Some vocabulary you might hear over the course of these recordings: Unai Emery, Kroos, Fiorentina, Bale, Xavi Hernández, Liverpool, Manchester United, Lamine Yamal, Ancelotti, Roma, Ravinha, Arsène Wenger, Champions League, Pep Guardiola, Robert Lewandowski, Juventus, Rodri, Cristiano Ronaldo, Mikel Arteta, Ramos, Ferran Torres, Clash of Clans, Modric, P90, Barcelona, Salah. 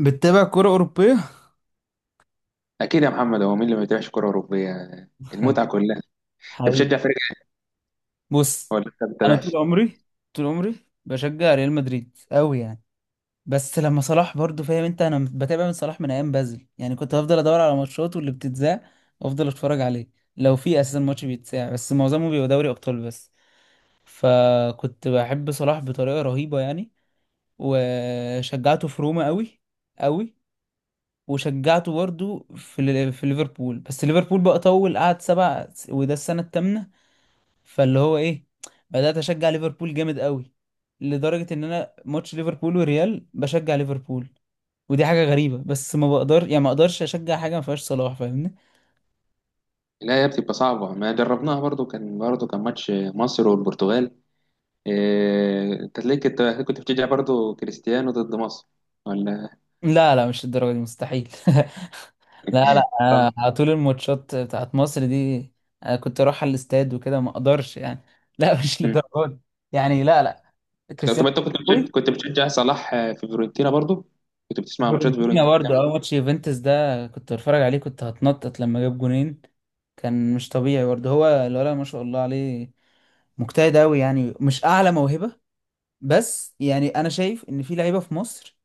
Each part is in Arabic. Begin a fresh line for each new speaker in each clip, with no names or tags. بتتابع كرة أوروبية؟
اكيد يا محمد، هو مين اللي ما يتابعش كره اوروبيه؟ المتعه كلها. انت
حقيقي.
بتشجع فريق إيه،
بص،
ولا انت ما
أنا
بتتابعش؟
طول عمري طول عمري بشجع ريال مدريد أوي يعني. بس لما صلاح برضو فاهم أنت، أنا بتابع من صلاح من أيام بازل يعني، كنت بفضل أدور على ماتشاته اللي بتتذاع وأفضل أتفرج عليه لو في أساسا ماتش بيتذاع، بس معظمه بيبقى دوري أبطال بس. فكنت بحب صلاح بطريقة رهيبة يعني. وشجعته في روما أوي أوي. وشجعته برضو في ليفربول، بس ليفربول بقى طول قعد سبع وده السنة الثامنة. فاللي هو ايه، بدأت اشجع ليفربول جامد قوي لدرجة ان انا ماتش ليفربول وريال بشجع ليفربول. ودي حاجة غريبة بس ما بقدر يعني ما اقدرش اشجع حاجة ما فيهاش صلاح، فاهمني؟
لا يا، بتبقى صعبه. ما جربناها برضو، كان ماتش مصر والبرتغال. انت تلاقيك انت كنت بتشجع برضو كريستيانو ضد مصر، ولا؟
لا لا، مش الدرجة دي مستحيل. لا لا، أنا
طبعا.
على طول الماتشات بتاعت مصر دي. انا كنت اروح على الاستاد وكده، ما اقدرش يعني. لا، مش
مم.
للدرجة دي يعني. لا لا،
طب
كريستيانو.
انت كنت بتشجع صلاح في فيورنتينا برضو؟ كنت بتسمع ماتشات
فيورنتينا
فيورنتينا
برضه
كمان؟
اه، ماتش يوفنتوس ده كنت بتفرج عليه، كنت هتنطط لما جاب جونين. كان مش طبيعي برضه، هو الولد ما شاء الله عليه، مجتهد قوي يعني، مش اعلى موهبة. بس يعني انا شايف ان في لعيبة في مصر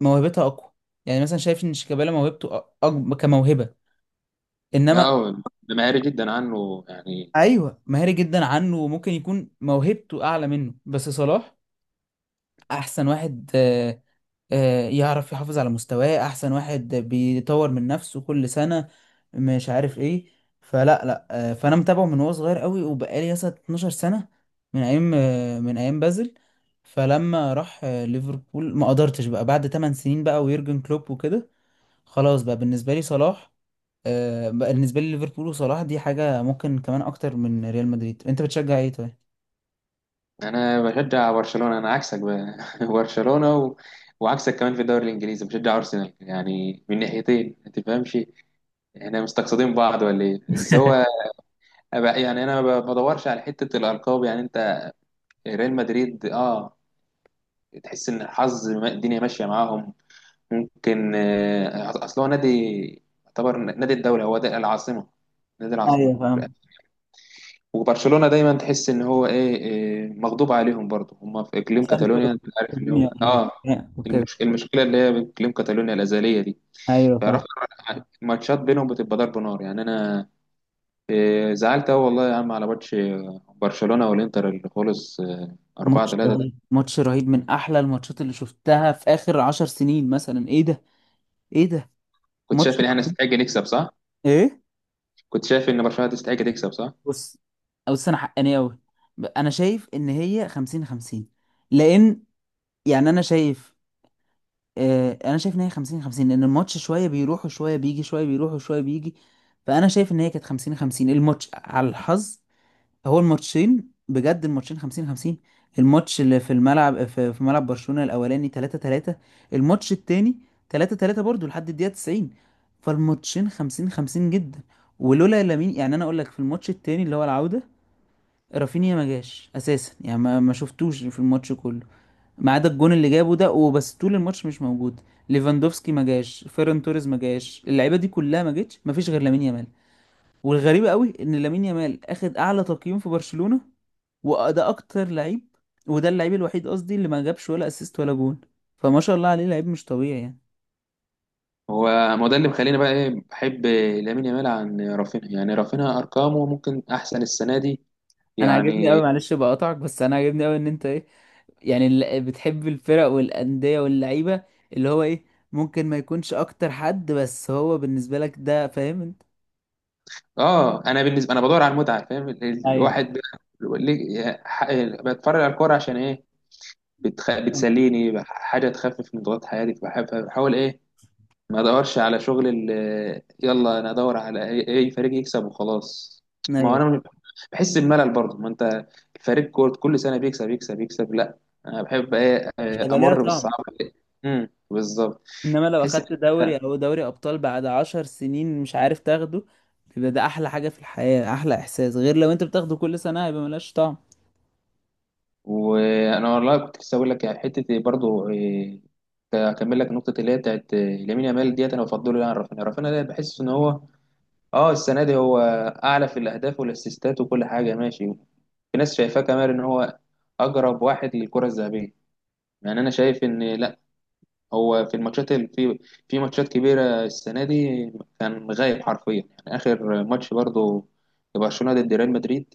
موهبتها اقوى. يعني مثلا شايف ان شيكابالا موهبته أكبر كموهبة،
لا،
انما.
هو ده مهاري جدا عنه يعني.
ايوه مهاري جدا عنه وممكن يكون موهبته اعلى منه، بس صلاح احسن واحد. يعرف يحافظ على مستواه، احسن واحد بيطور من نفسه كل سنة، مش عارف ايه. فلا لا، فانا متابعه من وهو صغير قوي وبقالي مثلا 12 سنة، من ايام، من ايام بازل. فلما راح ليفربول ما قدرتش بقى بعد 8 سنين بقى ويورجن كلوب وكده، خلاص بقى بالنسبة لي صلاح، بقى بالنسبة لي ليفربول وصلاح دي حاجة ممكن كمان اكتر من ريال مدريد. انت بتشجع ايه طيب؟
انا بشجع برشلونة، انا عكسك بقى. برشلونة و وعكسك كمان في الدوري الانجليزي بشجع ارسنال، يعني من ناحيتين. ما تفهمش احنا مستقصدين بعض ولا ايه؟ بس هو يعني انا ما بدورش على حتة الالقاب يعني. انت ريال مدريد، اه، تحس ان الحظ الدنيا ماشية معاهم. ممكن. اصل هو نادي يعتبر نادي الدولة. هو ده العاصمة، نادي العاصمة.
ايوه فاهم.
وبرشلونة دايما تحس ان هو إيه مغضوب عليهم برضه. هم في اقليم
عشان في
كاتالونيا، انت عارف، اللي هو
الدنيا
اه
وكده.
المشكله اللي هي بين اقليم كاتالونيا الازليه دي.
ايوه فاهم.
فراح الماتشات بينهم بتبقى ضرب نار يعني. انا زعلت قوي والله يا عم على ماتش برشلونة والانتر اللي خلص 4
ماتش
3 ده.
رهيب ماتش رهيب، من احلى الماتشات اللي شفتها في اخر 10 سنين مثلا. ايه ده، ايه ده،
كنت
ماتش
شايف ان احنا
رهيب.
نستحق نكسب، صح؟
ايه.
كنت شايف ان برشلونة تستحق تكسب، صح؟
بص، بص، انا حقاني قوي. انا شايف ان هي 50 50، لان يعني انا شايف، آه انا شايف ان هي 50 50، لان الماتش شويه بيروح وشويه بيجي شويه بيروح وشويه بيجي. فانا شايف ان هي كانت 50 50 الماتش على الحظ. هو الماتشين بجد، الماتشين 50 50. الماتش اللي في الملعب في ملعب برشلونة الاولاني 3 3، الماتش التاني 3 3 برضه لحد الدقيقة 90. فالماتشين 50 50 جدا. ولولا لامين، يعني انا اقول لك في الماتش التاني اللي هو العودة، رافينيا ما جاش اساسا يعني ما شفتوش في الماتش كله ما عدا الجون اللي جابه ده وبس، طول الماتش مش موجود. ليفاندوفسكي ما جاش، فيران توريز ما جاش، اللعيبه دي كلها ما جتش، ما فيش غير لامين يامال. والغريبة قوي ان لامين يامال اخد اعلى تقييم في برشلونة، وده اكتر لعيب، وده اللعيب الوحيد قصدي اللي ما جابش ولا اسيست ولا جون. فما شاء الله عليه، لعيب مش طبيعي يعني.
هو ما هو ده اللي مخليني بقى ايه، بحب لامين يامال عن رافينها، يعني رافينها ارقامه ممكن احسن السنه دي
انا عاجبني
يعني.
قوي، معلش بقطعك، بس انا عاجبني قوي ان انت ايه يعني، بتحب الفرق والانديه واللعيبه، اللي هو ايه، ممكن ما يكونش اكتر حد بس هو بالنسبه لك ده، فاهم انت؟
اه، انا بالنسبه انا بدور على المتعه فاهم.
ايوه.
الواحد ب- ليه- ح- بتفرج على الكوره عشان ايه؟ بتسليني حاجه تخفف من ضغط حياتي، فبحاول ايه. ما ادورش على شغل يلا انا ادور على أي فريق يكسب وخلاص. ما هو
ايوه.
انا بحس بملل برضه. ما انت فريق كورة كل سنه بيكسب يكسب يكسب، لا. انا بحب ايه،
مش هيبقى ليها
امر
طعم.
بالصعاب. بالظبط.
انما لو
بحس،
اخدت دوري او دوري ابطال بعد 10 سنين مش عارف تاخده، يبقى ده احلى حاجه في الحياه، احلى احساس. غير لو انت بتاخده كل سنه، هيبقى ملهاش طعم.
وانا والله كنت لسه اقول لك يعني حته إيه برضو اكمل لك النقطه اللي هي بتاعت لامين يامال ديت. انا بفضله يعني عن رافينيا. رافينيا ده بحس ان هو اه السنه دي هو اعلى في الاهداف والاسيستات وكل حاجه، ماشي. في ناس شايفاه كمان ان هو اقرب واحد للكره الذهبيه. يعني انا شايف ان لا، هو في الماتشات في ماتشات كبيره السنه دي كان غايب حرفيا يعني. اخر ماتش برضو برشلونه ضد ريال مدريد،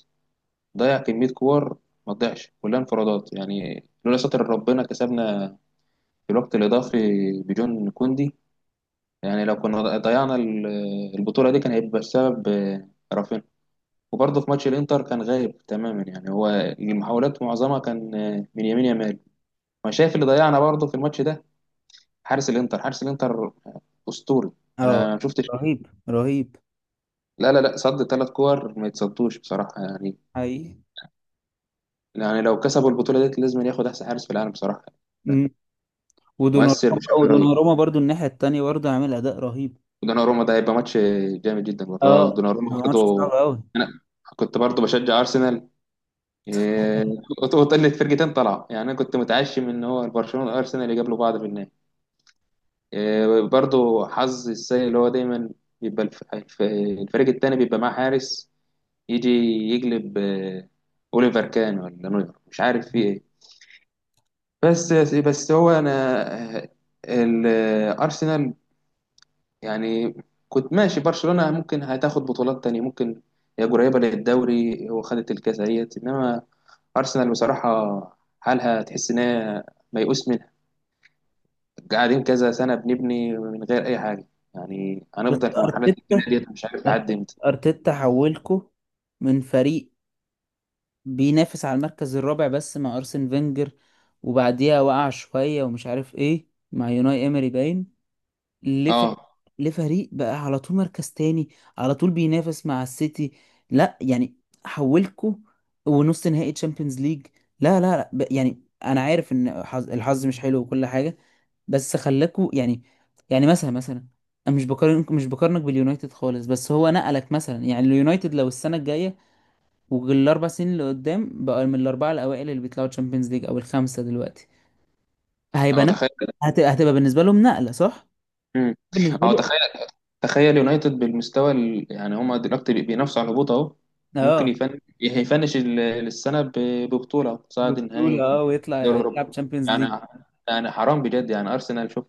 ضيع كمية كور ما تضيعش، كلها انفرادات يعني. لولا ستر ربنا كسبنا في الوقت الإضافي بجون كوندي. يعني لو كنا ضيعنا البطولة دي كان هيبقى السبب رافينيا. وبرضه في ماتش الإنتر كان غايب تماما يعني. هو المحاولات معظمها كان من يمين يمال. ما شايف اللي ضيعنا برضه في الماتش ده. حارس الإنتر أسطوري.
اه.
أنا ما شفتش.
رهيب رهيب.
لا، لا، لا، صد ثلاث كور ما يتصدوش بصراحة يعني.
حقيقي.
يعني لو كسبوا البطولة دي لازم ياخد أحسن حارس في العالم بصراحة.
امم.
مؤثر
ودوناروما.
بشكل رهيب.
ودوناروما برضو الناحية التانية برضو عامل أداء رهيب.
ودوناروما ده هيبقى ماتش جامد جدا برضه،
اه،
دوناروما
هو ماتش صعب
برضه.
أوي.
انا كنت برضه بشجع ارسنال، إيه، وطلت فرقتين طلعوا يعني. انا كنت متعشم ان هو برشلونه وارسنال يقابلوا بعض في النهائي. برضه حظ السيء اللي هو دايما بيبقى الفريق التاني بيبقى معاه حارس يجي يقلب. اوليفر كان ولا نوير، مش عارف في ايه. بس هو انا الارسنال يعني كنت ماشي. برشلونة ممكن هتاخد بطولات تانية ممكن، هي قريبة للدوري وخدت الكاس اهيت. انما ارسنال بصراحة حالها تحس ان هي ميؤوس منها. قاعدين كذا سنة بنبني من غير اي حاجة، يعني
بس
هنفضل في مرحلة
أرتيتا،
البناء ديت مش عارف لحد
أرتيتا،
امتى.
أرتيتا حولكو من فريق بينافس على المركز الرابع بس مع أرسن فينجر، وبعديها وقع شوية ومش عارف إيه. مع يوناي إيمري باين، لف...
اه،
لفريق بقى على طول مركز تاني، على طول بينافس مع السيتي. لا يعني، حولكوا ونص نهائي تشامبيونز ليج. لا لا لا، يعني انا عارف ان الحظ مش حلو وكل حاجه، بس خلاكوا يعني. يعني مثلا، انا مش بقارنك باليونايتد خالص، بس هو نقلك مثلا. يعني اليونايتد لو السنه الجايه والاربع سنين اللي قدام بقى من الاربعه الاوائل اللي بيطلعوا تشامبيونز ليج او الخمسه دلوقتي، هيبقى
هو
نقل.
تخيل
هتبقى بالنسبه لهم نقله، صح؟
امم
بالنسبه
هو
لي
تخيل تخيل يونايتد بالمستوى يعني هما دلوقتي بينافسوا على الهبوط اهو. ممكن
اه،
يفنش السنه ببطوله أو تصعد نهائي
بطولة اه، ويطلع
دوري اوروبا
يلعب تشامبيونز ليج.
يعني. يعني حرام بجد يعني. ارسنال شوف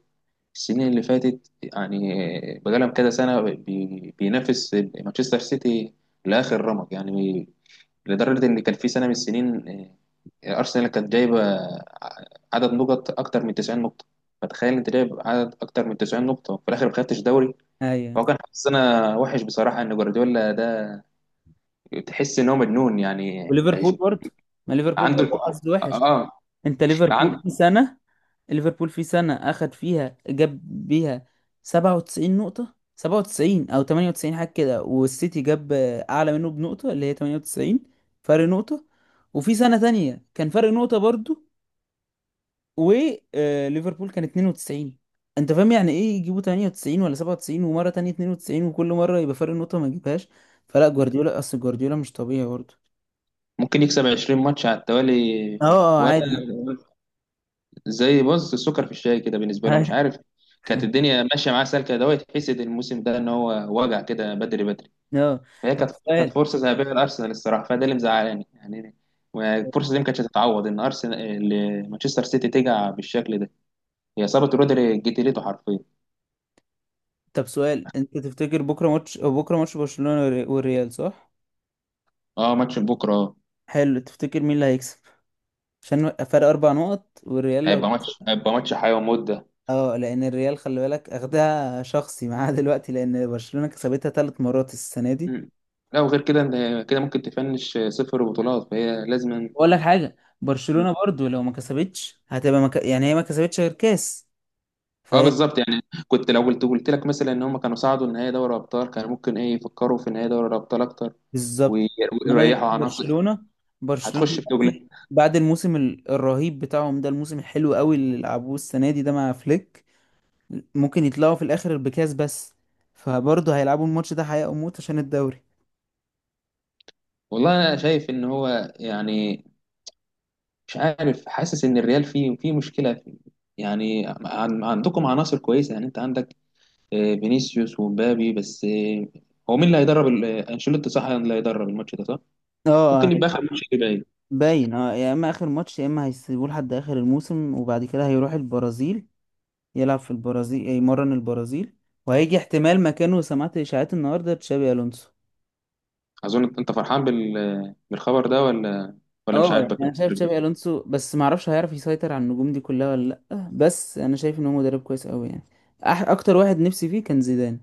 السنين اللي فاتت يعني بقالهم كذا سنه بينافس مانشستر سيتي لاخر رمق يعني. لدرجه ان كان في سنه من السنين، ارسنال كانت جايبه عدد نقط اكتر من 90 نقطه. فتخيل انت جايب عدد اكتر من 90 نقطه وفي الاخر ما خدتش دوري.
ايوه.
هو كان حظنا وحش بصراحة، إن جوارديولا ده تحس إن هو مجنون يعني.
وليفربول برضه، ما ليفربول
عنده الكو...
برضه حظ وحش.
آه
انت ليفربول
عنده
في سنة، ليفربول في سنة اخد فيها جاب بيها 97 نقطة، 97 او 98 حاجة كده، والسيتي جاب اعلى منه بنقطة اللي هي 98، فرق نقطة. وفي سنة تانية كان فرق نقطة برضه، وليفربول كان 92. انت فاهم يعني ايه يجيبوا 98 ولا 97 ومره تانية 92، وكل مره يبقى فرق نقطه ما يجيبهاش؟ فلا، جوارديولا اصل جوارديولا مش طبيعي برضه.
ممكن يكسب 20 ماتش على
اه
التوالي،
اه، عادي.
ولا زي بص السكر في الشاي كده بالنسبة له،
عادي.
مش عارف. كانت الدنيا ماشية معاه سالكة. ده يتحسد الموسم ده، إن هو وجع كده بدري بدري.
اه.
فهي
طب
كانت
سؤال
فرصة ذهبية لأرسنال الصراحة، فده اللي مزعلاني يعني. والفرصة دي ما كانتش هتتعوض، إن أرسنال إن مانشستر سيتي تجع بالشكل ده. هي إصابة رودري جتلته حرفيا.
طب سؤال، انت تفتكر بكره ماتش، أو بكره ماتش برشلونه والريال، صح؟
اه ماتش بكرة.
حلو، تفتكر مين اللي هيكسب؟ عشان فرق 4 نقط والريال لو.
هيبقى ماتش حياة وموت ده.
اه، لان الريال خلي بالك اخدها شخصي معاه دلوقتي، لان برشلونه كسبتها 3 مرات السنه دي.
مم. لا، وغير كده إن كده ممكن تفنش صفر بطولات، فهي لازم.
بقول لك حاجه،
مم.
برشلونه برضو لو ما كسبتش هتبقى يعني هي ما كسبتش غير كاس،
اه
فهي.
بالظبط يعني. كنت لو قلت لك مثلا ان هم كانوا صعدوا النهائي دوري ابطال، كانوا ممكن ايه يفكروا في نهائي دوري الابطال اكتر وي-
بالظبط. انما
ويريحوا
دلوقتي
عناصر.
برشلونه
هتخش في
دلوقتي
جوجل.
بعد الموسم الرهيب بتاعهم ده، الموسم الحلو قوي اللي لعبوه السنه دي ده مع فليك، ممكن يطلعوا في الاخر بكاس بس، فبرضه هيلعبوا الماتش ده حياه وموت عشان الدوري.
والله انا شايف ان هو يعني، مش عارف، حاسس ان الريال فيه مشكله فيه. يعني عندكم عناصر كويسه يعني. انت عندك فينيسيوس ومبابي بس، هو مين اللي هيدرب انشيلوتي، صح؟ اللي هيدرب الماتش ده، صح؟
اه،
ممكن يبقى اخر ماتش ليه باين.
باين اه، يا اما اخر ماتش يا اما هيسيبوه لحد اخر الموسم وبعد كده هيروح البرازيل يلعب في البرازيل يمرن البرازيل، وهيجي احتمال مكانه، سمعت اشاعات النهارده تشابي الونسو.
اظن انت فرحان بالخبر ده، ولا؟ مش
اه، يعني
عاجبك
انا شايف
الخبر
تشابي
ده؟
الونسو بس ما اعرفش هيعرف يسيطر على النجوم دي كلها ولا لا، بس انا شايف ان هو مدرب كويس قوي يعني. أح، اكتر واحد نفسي فيه كان زيدان.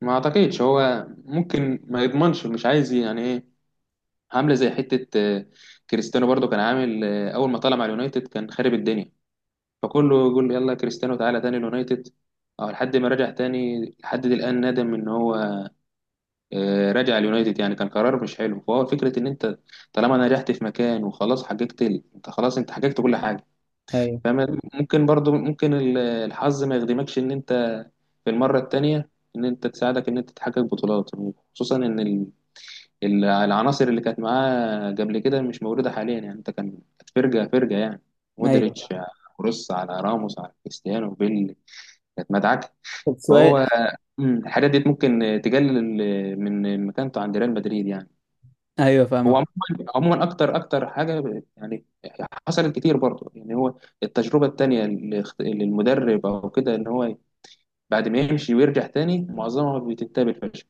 ما اعتقدش، هو ممكن ما يضمنش مش عايز يعني ايه، عامله زي حته كريستيانو برضو كان عامل اول ما طلع مع اليونايتد كان خارب الدنيا، فكله يقول يلا كريستيانو تعالى تاني اليونايتد. او لحد ما رجع تاني لحد دي الان ندم ان هو رجع اليونايتد، يعني كان قرار مش حلو. فهو فكره ان انت طالما نجحت في مكان وخلاص حققت انت خلاص انت حققت كل حاجه،
ايوه.
فاهم. ممكن برضو ممكن الحظ ما يخدمكش ان انت في المره التانيه، ان انت تساعدك ان انت تحقق بطولات. خصوصا ان العناصر اللي كانت معاه قبل كده مش موجوده حاليا يعني. انت كانت فرقه فرقه يعني،
ايوه.
مودريتش على كروس على راموس على كريستيانو بيل، كانت مدعكه.
طب سؤال.
فهو، الحاجات دي ممكن تقلل من مكانته عند ريال مدريد يعني.
ايوه
هو
فاهمك.
عموما عموما اكتر اكتر حاجه يعني، حصلت كتير برضه يعني. هو التجربه التانيه للمدرب او كده، ان هو بعد ما يمشي ويرجع تاني معظمها بتنتهي بالفشل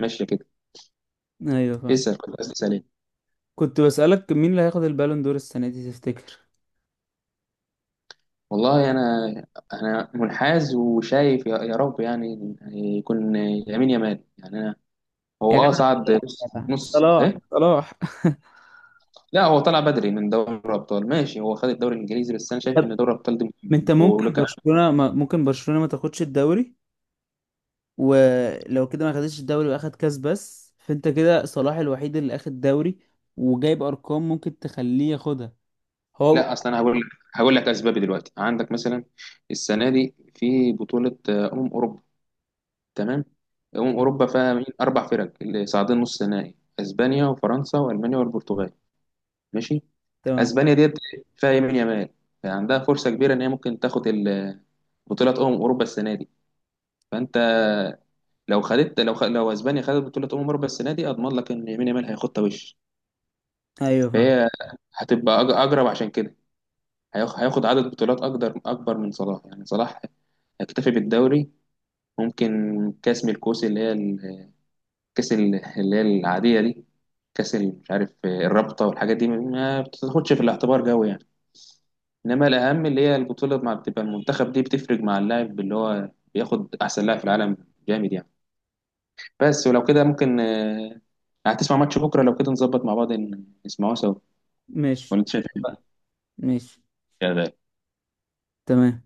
ماشيه كده.
ايوه فاهم.
اسال كنت قصدي سليم.
كنت بسألك مين اللي هياخد البالون دور السنه دي تفتكر؟
والله انا منحاز وشايف يا رب يعني، إن يكون يمين يمال يعني. انا
يا
هو، اه، صعد
جدع،
نص
صلاح
نص
صلاح
ايه.
صلاح.
لا هو طلع بدري من دوري الابطال ماشي، هو خد الدوري الانجليزي بس انا شايف
طب،
ان دوري الابطال ده
ما انت
مهم.
ممكن برشلونة ما تاخدش الدوري. ولو كده ما خدتش الدوري واخد كاس بس، فانت كده صلاح الوحيد اللي اخد دوري وجايب ارقام ممكن تخليه ياخدها هو.
لا اصل انا هقول لك اسبابي دلوقتي. عندك مثلا السنه دي في بطوله اوروبا، تمام. اوروبا فيها مين؟ اربع فرق اللي صاعدين نص نهائي، اسبانيا وفرنسا والمانيا والبرتغال، ماشي.
تمام.
اسبانيا ديت فيها يمين يمال، فعندها فرصه كبيره ان هي ممكن تاخد بطوله اوروبا السنه دي. فانت لو اسبانيا خدت بطوله اوروبا السنه دي اضمن لك ان يمين يمال هياخدها وش.
ايوه فاهم.
فهي هتبقى اقرب، عشان كده هياخد عدد بطولات أكبر من صلاح، يعني صلاح هيكتفي بالدوري. ممكن كأس من الكؤوس اللي هي الكأس اللي هي العادية دي، مش عارف، الرابطة والحاجات دي ما بتاخدش في الاعتبار قوي يعني. إنما الأهم اللي هي البطولة مع بتبقى المنتخب دي بتفرق مع اللاعب اللي هو بياخد أحسن لاعب في العالم، جامد يعني. بس ولو كده ممكن، هتسمع ماتش بكرة؟ لو كده نظبط مع بعض نسمعه سوا.
ماشي.
ولا أنت شايف
ماشي.
إيه؟
تمام